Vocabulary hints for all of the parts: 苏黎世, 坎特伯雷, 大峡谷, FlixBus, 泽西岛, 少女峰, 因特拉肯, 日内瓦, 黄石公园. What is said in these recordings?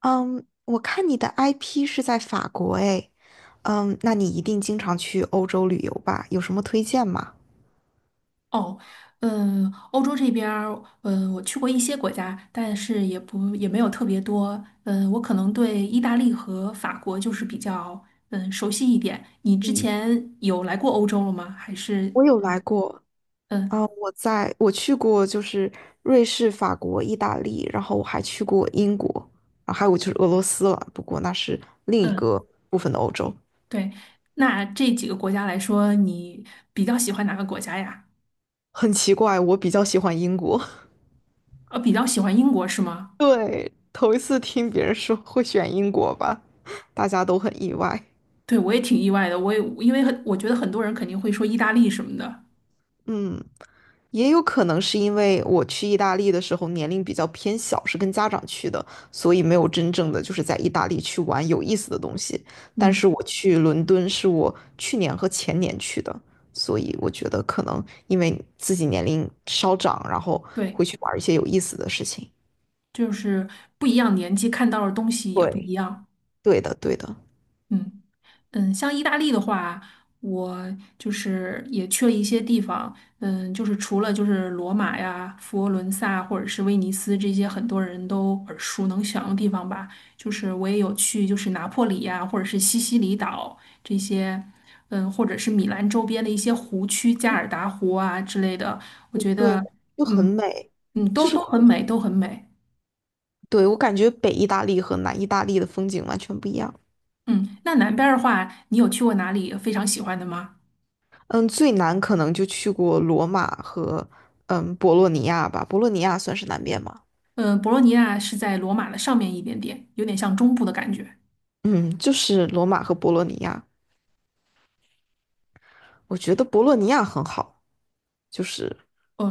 嗯，我看你的 IP 是在法国诶。那你一定经常去欧洲旅游吧？有什么推荐吗？哦，欧洲这边儿，我去过一些国家，但是也没有特别多。嗯，我可能对意大利和法国就是比较熟悉一点。你之嗯，前有来过欧洲了吗？还是，我有来过。嗯我去过就是瑞士、法国、意大利，然后我还去过英国。还有就是俄罗斯了，不过那是另一嗯，个部分的欧洲。对。那这几个国家来说，你比较喜欢哪个国家呀？很奇怪，我比较喜欢英国。比较喜欢英国是吗？头一次听别人说会选英国吧，大家都很意外。对，我也挺意外的。我也因为很，我觉得很多人肯定会说意大利什么的。嗯，也有可能是因为我去意大利的时候年龄比较偏小，是跟家长去的，所以没有真正的就是在意大利去玩有意思的东西。但是嗯，我去伦敦是我去年和前年去的，所以我觉得可能因为自己年龄稍长，然后对，会去玩一些有意思的事情。就是不一样年纪看到的东西也不一对，样。对的，对的。嗯像意大利的话，我就是也去了一些地方，就是除了就是罗马呀、佛罗伦萨或者是威尼斯这些很多人都耳熟能详的地方吧，就是我也有去，就是拿破里呀，或者是西西里岛这些，或者是米兰周边的一些湖区，加尔达湖啊之类的，我觉对，得，就很嗯美。嗯，就都是，都很美，都很美。对，我感觉北意大利和南意大利的风景完全不一样。嗯，那南边儿的话，你有去过哪里非常喜欢的吗？嗯，最难可能就去过罗马和博洛尼亚吧。博洛尼亚算是南边吗？嗯，博洛尼亚是在罗马的上面一点点，有点像中部的感觉。嗯，就是罗马和博洛尼亚。我觉得博洛尼亚很好，就是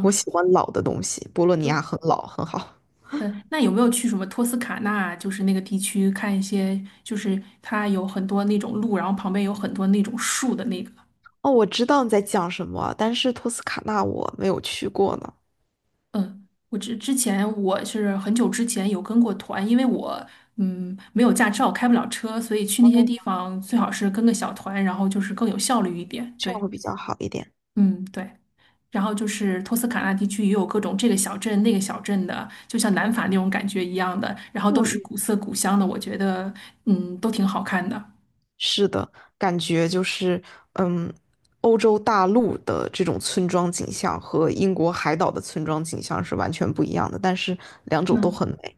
我喜欢老的东西，博洛尼亚嗯，很老，很好。嗯，那有没有去什么托斯卡纳，就是那个地区看一些，就是它有很多那种路，然后旁边有很多那种树的那个？哦，我知道你在讲什么，但是托斯卡纳我没有去过呢。嗯，我是很久之前有跟过团，因为我没有驾照，开不了车，所以去那些地方最好是跟个小团，然后就是更有效率一点。这样对，会比较好一点。嗯，对。然后就是托斯卡纳地区也有各种这个小镇那个小镇的，就像南法那种感觉一样的，然后都是嗯，古色古香的，我觉得都挺好看的。是的，感觉就是，嗯，欧洲大陆的这种村庄景象和英国海岛的村庄景象是完全不一样的，但是两种都嗯很美。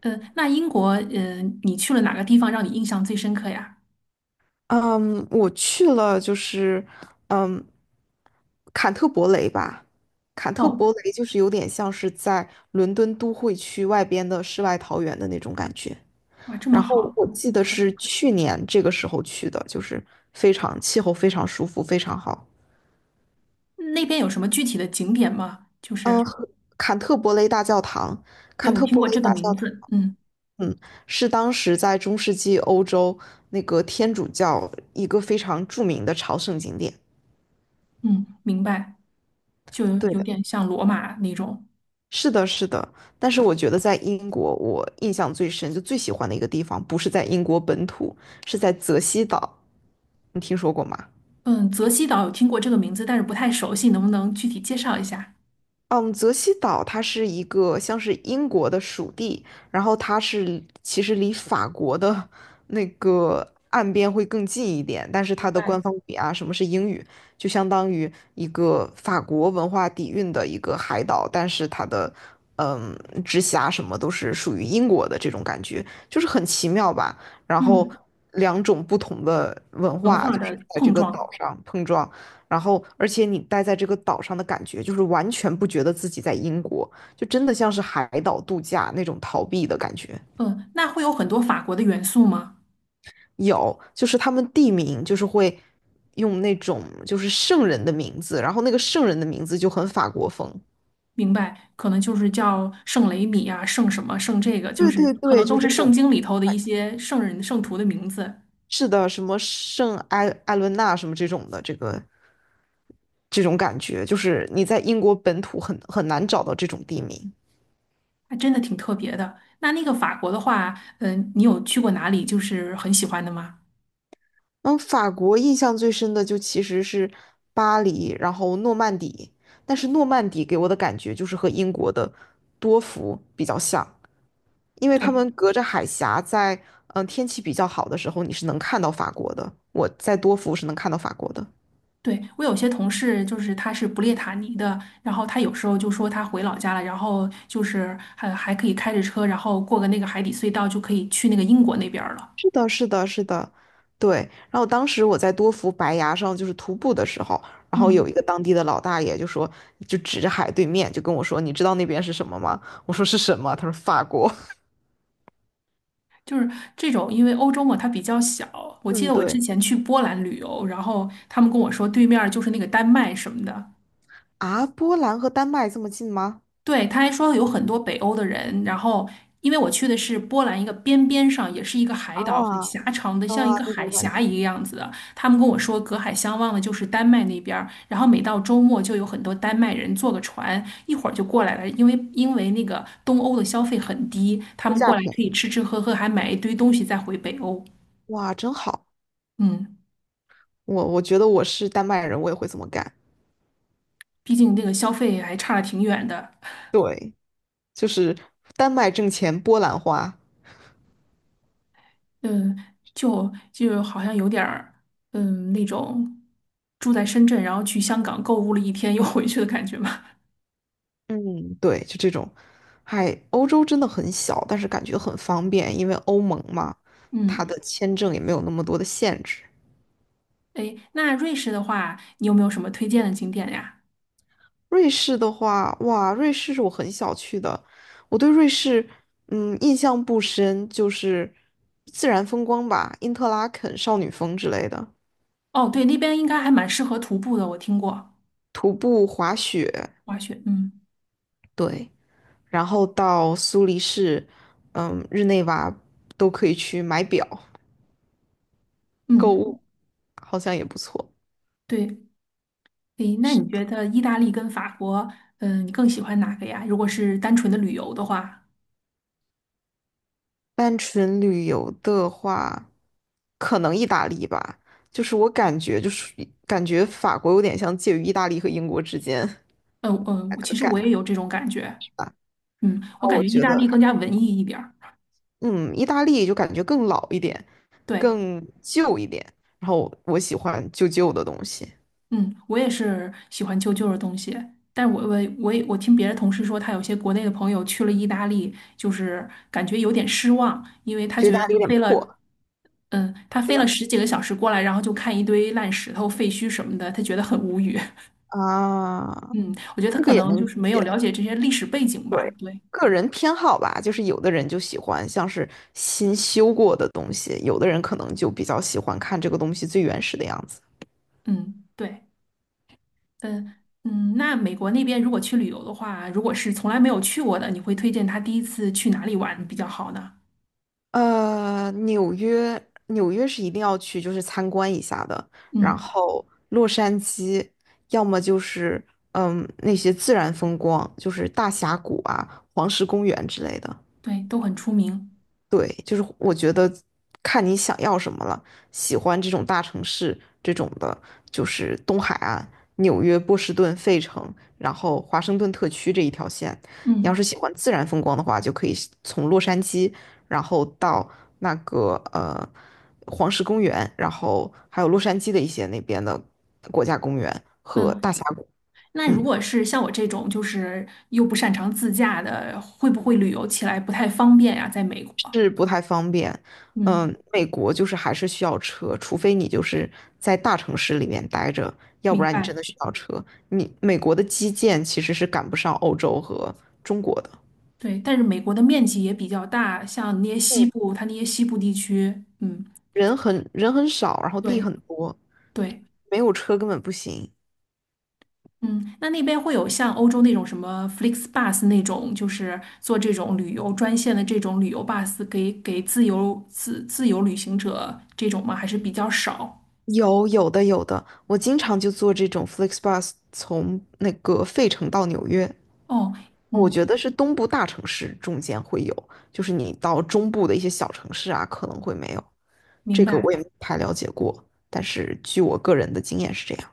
那英国你去了哪个地方让你印象最深刻呀？嗯，我去了，就是，嗯，坎特伯雷吧。坎特哦，伯雷就是有点像是在伦敦都会区外边的世外桃源的那种感觉。哇，这么然后好，我记得是去年这个时候去的，就是非常气候非常舒服，非常好。那边有什么具体的景点吗？就嗯，是坎特伯雷大教堂，对坎我特听伯过雷这个大教名堂。字，嗯嗯，是当时在中世纪欧洲那个天主教一个非常著名的朝圣景点。嗯，明白，就对有的，点像罗马那种。是的，是的。但是我觉得在英国，我印象最深，就最喜欢的一个地方，不是在英国本土，是在泽西岛。你听说过吗？嗯，泽西岛有听过这个名字，但是不太熟悉，能不能具体介绍一下？嗯，泽西岛它是一个像是英国的属地，然后它是其实离法国的那个岸边会更近一点，但是明它的官白，方语啊，什么是英语，就相当于一个法国文化底蕴的一个海岛，但是它的嗯直辖什么都是属于英国的这种感觉，就是很奇妙吧。然后嗯。两种不同的文文化化就的是在这碰个岛撞。上碰撞，然后，而且你待在这个岛上的感觉，就是完全不觉得自己在英国，就真的像是海岛度假那种逃避的感觉。嗯，那会有很多法国的元素吗？有，就是他们地名就是会用那种就是圣人的名字，然后那个圣人的名字就很法国风。明白，可能就是叫圣雷米啊，圣什么，圣这个，就对是对可对，能就都这是圣种。经里头的一些圣人、圣徒的名字，是的，什么圣埃伦纳什么这种的，这种感觉，就是你在英国本土很难找到这种地名。还真的挺特别的。那个法国的话，你有去过哪里就是很喜欢的吗？嗯，法国印象最深的就其实是巴黎，然后诺曼底。但是诺曼底给我的感觉就是和英国的多福比较像，因为他对，们隔着海峡在，天气比较好的时候，你是能看到法国的。我在多福是能看到法国的。对，我有些同事就是他是不列塔尼的，然后他有时候就说他回老家了，然后就是还可以开着车，然后过个那个海底隧道就可以去那个英国那边儿了。是的，是的，是的，对。然后当时我在多福白崖上就是徒步的时候，然后有一嗯。个当地的老大爷就说，就指着海对面就跟我说：“你知道那边是什么吗？”我说：“是什么？”他说：“法国。”就是这种，因为欧洲嘛，它比较小。我记嗯，得我之对。前去波兰旅游，然后他们跟我说对面儿就是那个丹麦什么的。啊，波兰和丹麦这么近吗？对，他还说有很多北欧的人。然后因为我去的是波兰一个边边上，也是一个海啊岛，很狭长的，啊，像一个那海种感峡觉。一个样子的。他们跟我说隔海相望的就是丹麦那边儿，然后每到周末就有很多丹麦人坐个船，一会儿就过来了，因为那个东欧的消费很低，他物们价过来便可以宜，吃吃喝喝，还买一堆东西再回北欧。哇，真好！嗯。我觉得我是丹麦人，我也会这么干，毕竟那个消费还差的挺远的。就是丹麦挣钱，波兰花。嗯，就好像有点儿，那种住在深圳，然后去香港购物了一天又回去的感觉嘛。嗯，对，就这种。嗨，欧洲真的很小，但是感觉很方便，因为欧盟嘛，嗯，它的签证也没有那么多的限制。诶，那瑞士的话，你有没有什么推荐的景点呀？瑞士的话，哇，瑞士是我很小去的，我对瑞士，印象不深，就是自然风光吧，因特拉肯少女峰之类的，哦，对，那边应该还蛮适合徒步的，我听过徒步滑雪。滑雪。嗯对，然后到苏黎世，日内瓦都可以去买表、购物，嗯，好像也不错。对。诶，那你觉得意大利跟法国，你更喜欢哪个呀？如果是单纯的旅游的话，单纯旅游的话，可能意大利吧，就是我感觉就是感觉法国有点像介于意大利和英国之间。嗯，那我个其实感我觉，也有这种感觉。我感我觉意觉大得利还，更加文艺一点儿。嗯，意大利就感觉更老一点，对，更旧一点。然后我喜欢旧旧的东西，嗯，我也是喜欢旧旧的东西，但是我听别的同事说，他有些国内的朋友去了意大利，就是感觉有点失望，因为他觉得意觉得大利有他点飞了，破，他是飞吧？了十几个小时过来，然后就看一堆烂石头、废墟什么的，他觉得很无语。啊，嗯，我觉得他这可个也能能就理是没有了解。解这些历史背景吧。对，对，个人偏好吧，就是有的人就喜欢像是新修过的东西，有的人可能就比较喜欢看这个东西最原始的样子。嗯，对。嗯那美国那边如果去旅游的话，如果是从来没有去过的，你会推荐他第一次去哪里玩比较好呢？纽约，纽约是一定要去，就是参观一下的。然嗯，后洛杉矶，要么就是那些自然风光，就是大峡谷啊、黄石公园之类的。对，都很出名。对，就是我觉得看你想要什么了。喜欢这种大城市这种的，就是东海岸、纽约、波士顿、费城，然后华盛顿特区这一条线。你要嗯。是喜欢自然风光的话，就可以从洛杉矶，然后到那个黄石公园，然后还有洛杉矶的一些那边的国家公园和嗯，大峡谷。那如嗯。果是像我这种就是又不擅长自驾的，会不会旅游起来不太方便呀？在美国，是不太方便。嗯，美国就是还是需要车，除非你就是在大城市里面待着，要不明然你真白。的需要车。你美国的基建其实是赶不上欧洲和中国的。对，但是美国的面积也比较大，像那些西嗯，部，它那些西部地区，嗯，人很少，然后地对很多，对。没有车根本不行。嗯，那边会有像欧洲那种什么 FlixBus 那种，就是做这种旅游专线的这种旅游 bus 给自由旅行者这种吗？还是比较少？有的有的，我经常就坐这种 FlixBus 从那个费城到纽约。哦，我觉嗯，得是东部大城市中间会有，就是你到中部的一些小城市啊，可能会没有。明这个我白。也没太了解过，但是据我个人的经验是这样。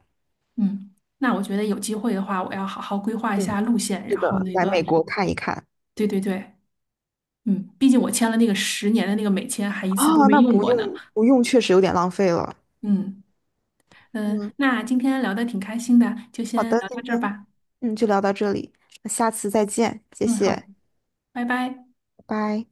嗯，那我觉得有机会的话，我要好好规划一嗯，下路线，是然后的，那来个，美国看一看。对对对，毕竟我签了那个10年的那个美签，还一次都啊，没那用不过呢。用不用，确实有点浪费了。嗯嗯，那今天聊的挺开心的，就好先的，聊到今这儿天吧。就聊到这里，那下次再见，谢嗯，好，谢，拜拜。拜拜。